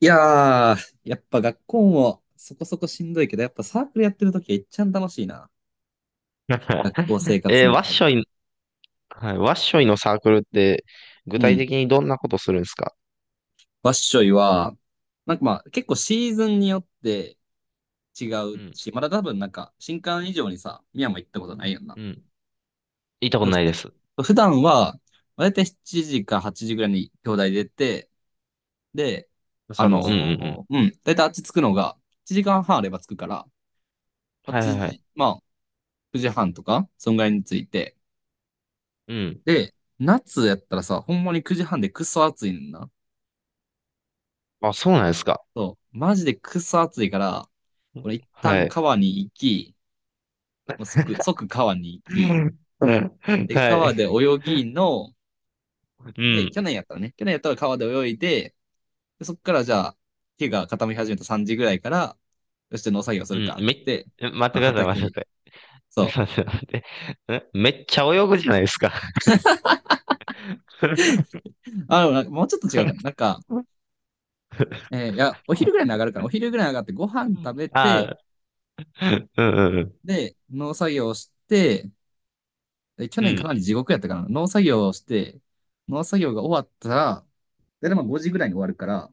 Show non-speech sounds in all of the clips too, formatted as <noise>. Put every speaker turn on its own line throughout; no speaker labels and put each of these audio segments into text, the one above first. いやー、やっぱ学校もそこそこしんどいけど、やっぱサークルやってるときは一ん楽しいな。
<laughs>
学校生活の
ワッ
中で。
ショイ、はい、ワッショイのサークルって、具
う
体
ん。
的にどんなことするんですか？
わっしょいは、なんかまあ結構シーズンによって違
う
う
ん、
し、まだ多分なんか新刊以上にさ、宮も行ったことないよな。
うん。行ったこ
だ
と
か
ないです。
ら普段は、だいたい7時か8時ぐらいに兄弟出て、で、
佐野、うんうんうん。
うん、だいたいあっち着くのが1時間半あれば着くから、
はいはい
8
はい。
時、まあ9時半とか、そんぐらいに着いて、
うん。
で、夏やったらさ、ほんまに9時半でクソ暑いねんな。
あ、そうなんですか。
そう、マジでクソ暑いから、俺一
は
旦
い。
川に行き、もう即川に行
う
き、
んうん
で、
は
川で
い。
泳ぎの、
う
で、去
ん。
年やったらね、去年やったら川で泳いで、でそっからじゃあ、日が傾き始めた3時ぐらいから、よし、じゃあ農作業す
う
る
ん。
か、っつって、
え、待っ
ま
てく
あ
ださい、
畑
待って
に、
くだ
そ
さい。待って待って。え、めっちゃ泳ぐじゃないですか。<laughs>
う。あ、でもなんかもうちょっと違うかな。なんか、いや、お昼ぐらいに上がるから、お昼ぐらいに上がってご飯食べ
あ
て、
あ、うんうん
で、農作業して、で去
うん。う
年かな
ん。
り地獄やったかな。農作業をして、農作業が終わったら、だいたいまあ5時ぐらいに終わるから、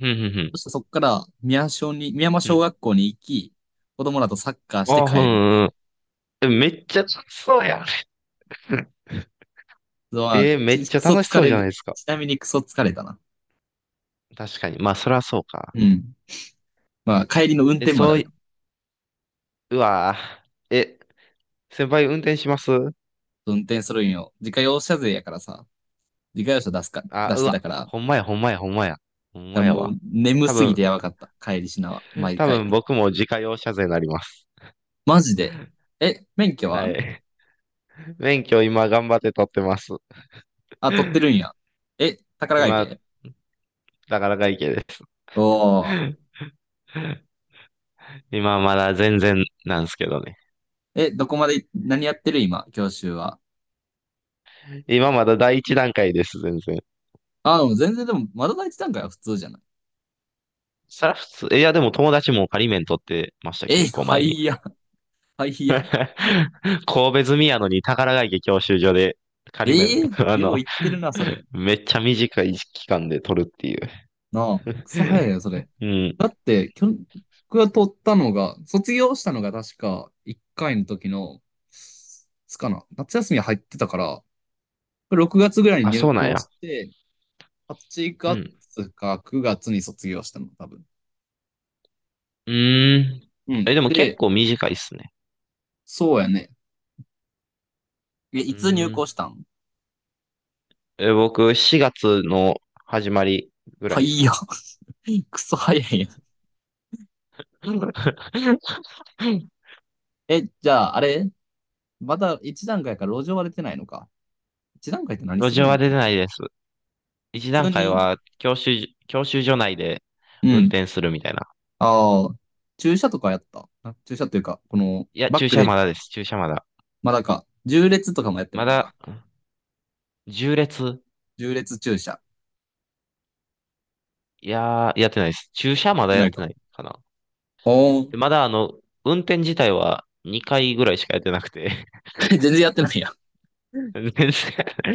うんう
そ
ん
してそこから宮小に、宮山
うん。う
小
ん、
学校に行き、子供らとサッカーして
ああ、う
帰る。
んうんうん。え、めっちゃ楽しそうやん。<laughs>
のは、
めっちゃ
クソ
楽し
疲
そう
れ
じゃない
る。
ですか。
ちなみにクソ疲れたな。
確かに。まあ、そりゃそうか。
うん。まあ、帰りの運
え、
転まであ
そう
るか
い、
ら。
うわぁ。え、先輩運転します？
運転するんよ。自家用車税やからさ、自家用車出すか、
あ、
出
う
してた
わ。
から、だか
ほんまや、ほんまや、ほんまや。ほん
ら
まや
もう
わ。
眠
多
すぎて
分、
やばかった。帰りしなは、毎
多
回。
分僕も自家用車税になります。
マジで。え、免許
は
は？
い。<laughs> 免許今頑張って取ってます。
あ、取ってるんや。え、宝ヶ池？
今、なかなかいいけです。
おー、
<laughs> 今まだ全然なんですけどね。
え、どこまで、何やってる今、教習は？
今まだ第一段階です、全然。
あ、でも全然でも、まだ第一段階は普通じゃない？
そら普通、えいやでも友達も仮免取ってました、
え、
結構
は
前に。
いや、<laughs> はいや。
<laughs> 神戸住みやのに宝ヶ池教習所で
え
仮面、
ー、
<laughs> あ
よう
の、
言ってるな、それ。
めっちゃ短い期間で取るってい
なあ、クソ早い
う。
よ、それ。
うん。
だって、僕が取ったのが、卒業したのが確か1回の時の、いつかな、夏休み入ってたから、6月ぐらいに
あ、
入
そうなん
校
や。
して、8
うん。
月か9月に卒業したの、多分。
うーん。
うん。
え、でも結
で、
構短いっすね。
そうやね。え、
う
いつ入
ー
校
ん。
したん？
え、僕、4月の始まりぐら
は
いっ
い
す
や。
ね。
<laughs> クソ早いやん。
<laughs>
え、じゃあ、あれまだ一段階から路上割れてないのか。一段階って何
路
する
上
ん
は
や？
出てないです。一
普
段
通
階
に、
は教習所内で
う
運
ん。
転するみたいな。
ああ、駐車とかやった。あ駐車というか、この、
いや、
バッ
駐
ク
車
で、
まだです。駐車まだ。
まだか、縦列とかもやってな
ま
い、ま
だ、
だ。
縦列。
縦列駐車。
いやー、やってないです。駐車
や
ま
っ
だ
て
や
な
っ
い
て
か。
ないかな。
おー。
で、まだ運転自体は2回ぐらいしかやってなくて。<laughs>
<laughs> 全然やってないやん。
全然。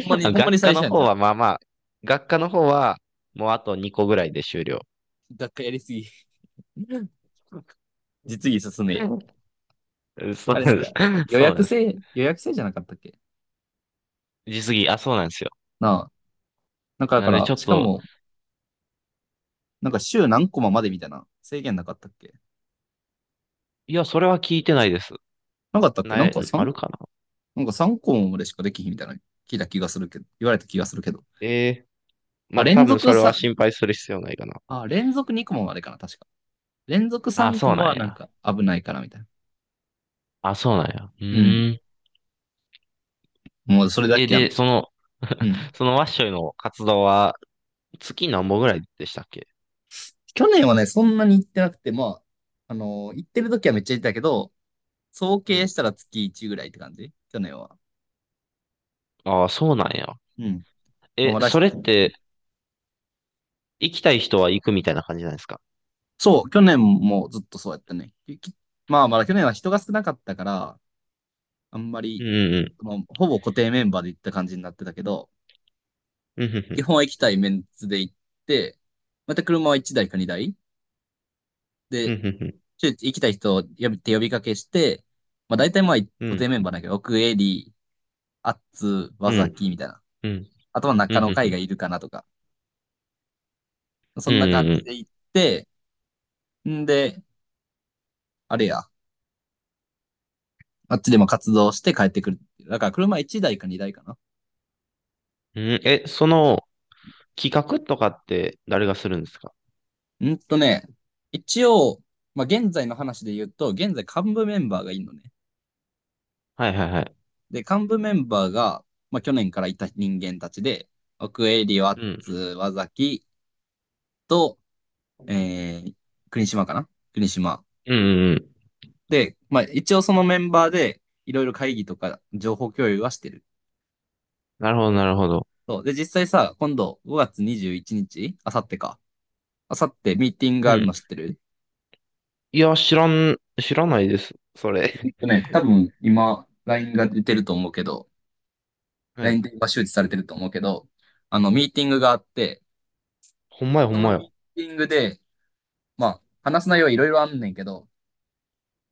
ほんまに、ほんまに
学
最
科
初
の
やん
方
じゃあ。
はまあまあ、学科の方はもうあと2個ぐらいで終了。
学会やりすぎ。実技進めや。
<laughs> そ
あ
う
れな
な
ん
んです。
か、予
そうな
約
んです。
制、予約制じゃなかったっけ？
あ、そうなんですよ。
なあ。なんかだ
な
か
んでち
ら、
ょっ
しか
と、
も、なんか週何コマまでみたいな制限なかったっけ
いや、それは聞いてないです。
なかったっけな
な
んか
い、あ
3?
るかな？
なんか3コマまでしかできひんみたいな聞いた気がするけど、言われた気がするけど。
ええ、ま
あ、
あ、多
連
分そ
続
れは
3、
心配する必要ないかな。
あ、連続2コマまでかな、確か。連続
あ、
3コ
そう
マ
なん
はなん
や。
か危ないからみたいな。
あ、そうなんや。う
うん。
ーん。
もうそれだ
え、
けやな。
で、
うん。
<laughs> そのワッショイの活動は、月何本ぐらいでしたっけ？
去年はね、そんなに行ってなくて、まあ、行ってる時はめっちゃ行ったけど、総
う
計し
ん。
たら月1ぐらいって感じ去年は。
ああ、そうなんや。
うん。まあ、
え、
まだ
それって、行きたい人は行くみたいな感じなんですか？
そう、去年もずっとそうやったね。まあ、まだ去年は人が少なかったから、あんま
う
り、
んうん
まあ、ほぼ固定メンバーで行った感じになってたけど、
うん。うんふんふ
基
ん。
本は行きたいメンツで行って、また車は1台か2台
う
で、
んふんふん。
ちょ行きたい人を呼びかけして、まあ大体まあ
う
固定
ん
メンバーだけど、奥エリー、アッツ、ワ
う
ザ
ん。
キみたいな。
うん
あとは
ふ
中
んふ
の会が
ん。
いるかなとか、そ
うん
んな感
う
じで
ん
行って、んで、あれや、あっちでも活動して帰ってくる。だから車1台か2台かな。
うん。うん、え、企画とかって誰がするんですか？
うんとね、一応、まあ現在の話で言うと、現在幹部メンバーがいるのね。
はいはいはい。
で、幹部メンバーが、まあ、去年からいた人間たちで、奥江、理ワッ
うん。
ツ、和崎と、えー、国島かな国島。
うんうんうん。
で、まあ、一応そのメンバーで、いろいろ会議とか情報共有はしてる。
なるほどなるほど。
そう。で、実際さ、今度5月21日、あさってか。あさってミーティングが
う
あるの
ん。
知ってる？
いや、知らん、知らないです。そ
えっ
れ。
とね、多分今、LINE が出てると思うけど、
<laughs> はい。
LINE で今周知されてると思うけど、あの、ミーティングがあって、
ほんまやほ
そ
ん
の
まや。
ミーティングで、まあ、話す内容はいろいろあんねんけど、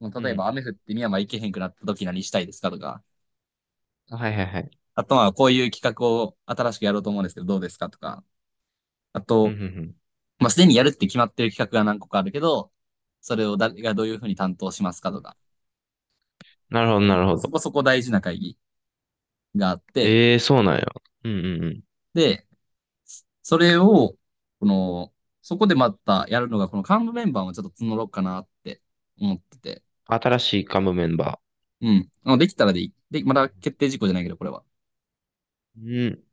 もう
う
例えば
ん。
雨降って深山行けへんくなった時何したいですかとか、
はいはいはい。
あとまあこういう企画を新しくやろうと思うんですけどどうですかとか、あ
うんう
と、
ん、
まあすでにやるって決まってる企画が何個かあるけど、それを誰がどういうふうに担当しますかとか、
なるほど、なるほ
そ
ど。
こそこ大事な会議があって、
ええ、そうなんや。うんうんうん。
で、それを、この、そこでまたやるのが、この幹部メンバーをちょっと募ろうかなって思ってて、
新しいカムメンバ
うん。できたらでいい。で、まだ決定事項じゃないけど、これは。
ー。うん。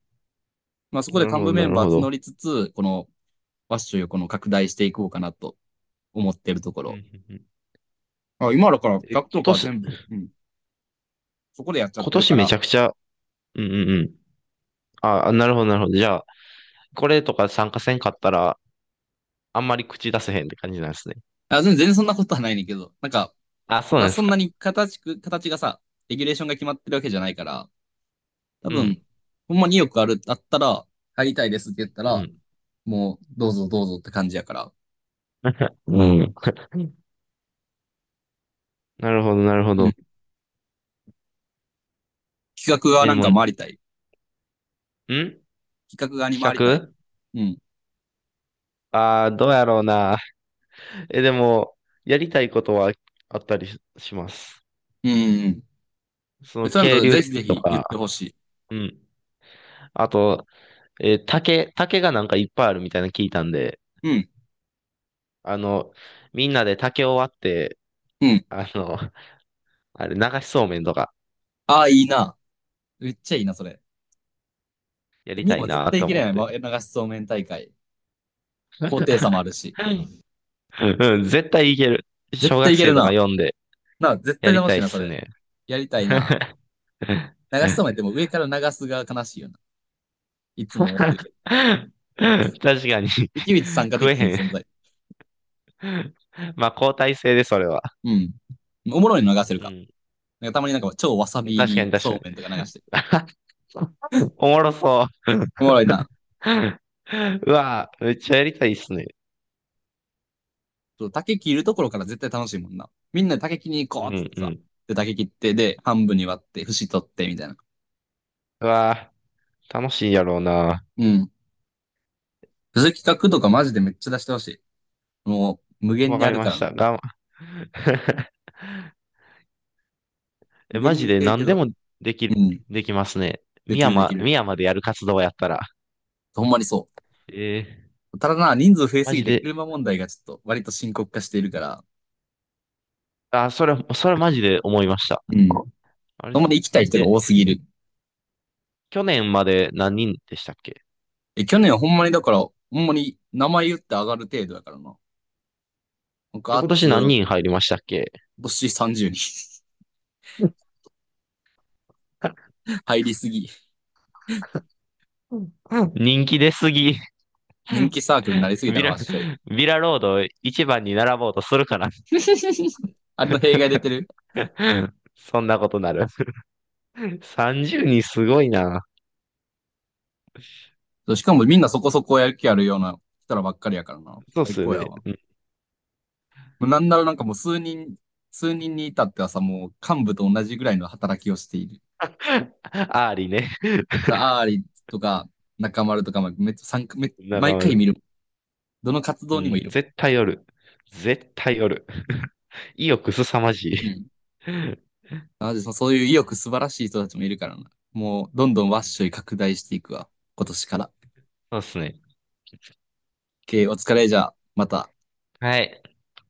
まあそこ
な
で
るほ
幹
ど、
部メ
な
ン
る
バ
ほ
ー募
ど。
りつつ、このファッションをこの拡大していこうかなと思ってるとこ
うん
ろ。
うんうん。
あ、今だから企
え、
画とか
今
は
年、
全部、うん、そこでやっちゃっ
今
てる
年
か
め
ら、
ちゃくちゃ、うんうんうん。あ、なるほど、なるほど。じゃあ、これとか参加せんかったら、あんまり口出せへんって感じなんですね。
あ、全然全然そんなことはないねんけど、なんか、
あ、そう
ま
な
だ
んで
そ
す
んな
か。
に形がさ、レギュレーションが決まってるわけじゃないから、多
う
分、
ん。
ほんまに意くある、あったら、入りたいですって言った
う
ら、
ん。
もう、どうぞどうぞって感じやから。
<laughs> うん。<laughs> なるほど、なるほ
うん。
ど。
企画側
え、
な
で
ん
も、
か回りたい。企画側に
企
回りたい。
画、
うん。
どうやろうな。<laughs> え、でも、やりたいことはあったりしします。
うんうん
そ
う
の、
ん。そうなんだ
渓
と
流
ぜひ
釣
ぜ
りと
ひ言っ
か、
てほしい。
うん。あと、竹がなんかいっぱいあるみたいなの聞いたんで、
うん。
あの、みんなで竹を割って、
うん。
あの、<laughs> あれ、流しそうめんとか
ああ、いいな。めっちゃいいな、それ。
やり
ミ
た
ヤ
い
も絶
な
対い
と
け
思
る
っ
やん。ま
て。
流しそうめん大会。高低差もあるし。
うん、うん。絶対いける。
絶
小学
対いける
生とか
な。
読んで
な、絶
や
対
り
楽
た
し
い
い
っ
な、そ
す
れ。
ね。
やり
<laughs>
たいな。
確
流しそうめんってもう上から流すが悲しいよな。いつも思ってるけど。
かに
池口参加で
食え
きひん
へ
存
ん。
在。
まあ、交代制で、それは。
うん。おもろいの流せる
う
か。
ん。
なんかたまになんか超わさび入
確か
り
に、確か
そう
に。
めんとか流してる。
<laughs> おもろそう。
おもろいな。
<laughs> うわぁ、めっちゃやりたいっすね。
竹切るところから絶対楽しいもんな。みんなで竹切りに行
う
こうっつって
ん、う
さ。
ん。
で、竹切って、で、半分に割って、節取って、みたいな。
うわぁ。楽しいやろうな。
うん。そういう企画とかマジでめっちゃ出してほしい。もう、無限
わ
に
か
あ
り
る
ま
から、
した。<laughs>
無
え、マ
限に
ジ
で
で
きるけ
何で
ど。
もで
う
き、
ん。
できますね。
で
深
きるでき
山、深
る。
山でやる活動やったら。
ほんまにそ
えー
う。ただな、人数増え
マ
すぎ
ジ
て
で、
車問題がちょっと割と深刻化しているから、
あ、それマジで思いました。
うん。ほ
あれっ
んま
す。
に行きたい人が多
え、
すぎる。
去年まで何人でしたっけ？
え、去年はほんまにだから、ほんまに名前言って上がる程度だからな。なんか、あ
今
っつ、
年何人入りましたっけ？
星30人
うん
<laughs> 入りすぎ。
うん。 <laughs> 人気出すぎ。
人気サークルになりすぎた
ビ
の
ラ、
わっしょい。
ビラロード一番に並ぼうとするかな。
<laughs> あれの弊害出てる。
<laughs> そんなことなる。30人すごいな。
そうしかもみんなそこそこやる気あるような人らばっかりやからな。
そうっ
最
すよ
高や
ね。
わ。もうなんならなんかもう数人、数人に至ってはさ、もう幹部と同じぐらいの働きをしている。
アーリーね。
アーリとか、中丸とか、まあめっちゃ参加め、
中
毎回
丸。
見る。どの活
う
動にもい
ん。
る。
絶対おる。絶対おる。<laughs> 意欲すさまじい。
うん。
うん、
なのでそういう意欲素晴らしい人たちもいるからな。もう、どんどんワッショイ拡大していくわ。今年から。
そうっすね。
OK、お疲れじゃあ、また
はい。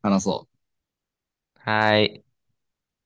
話そう。
はい。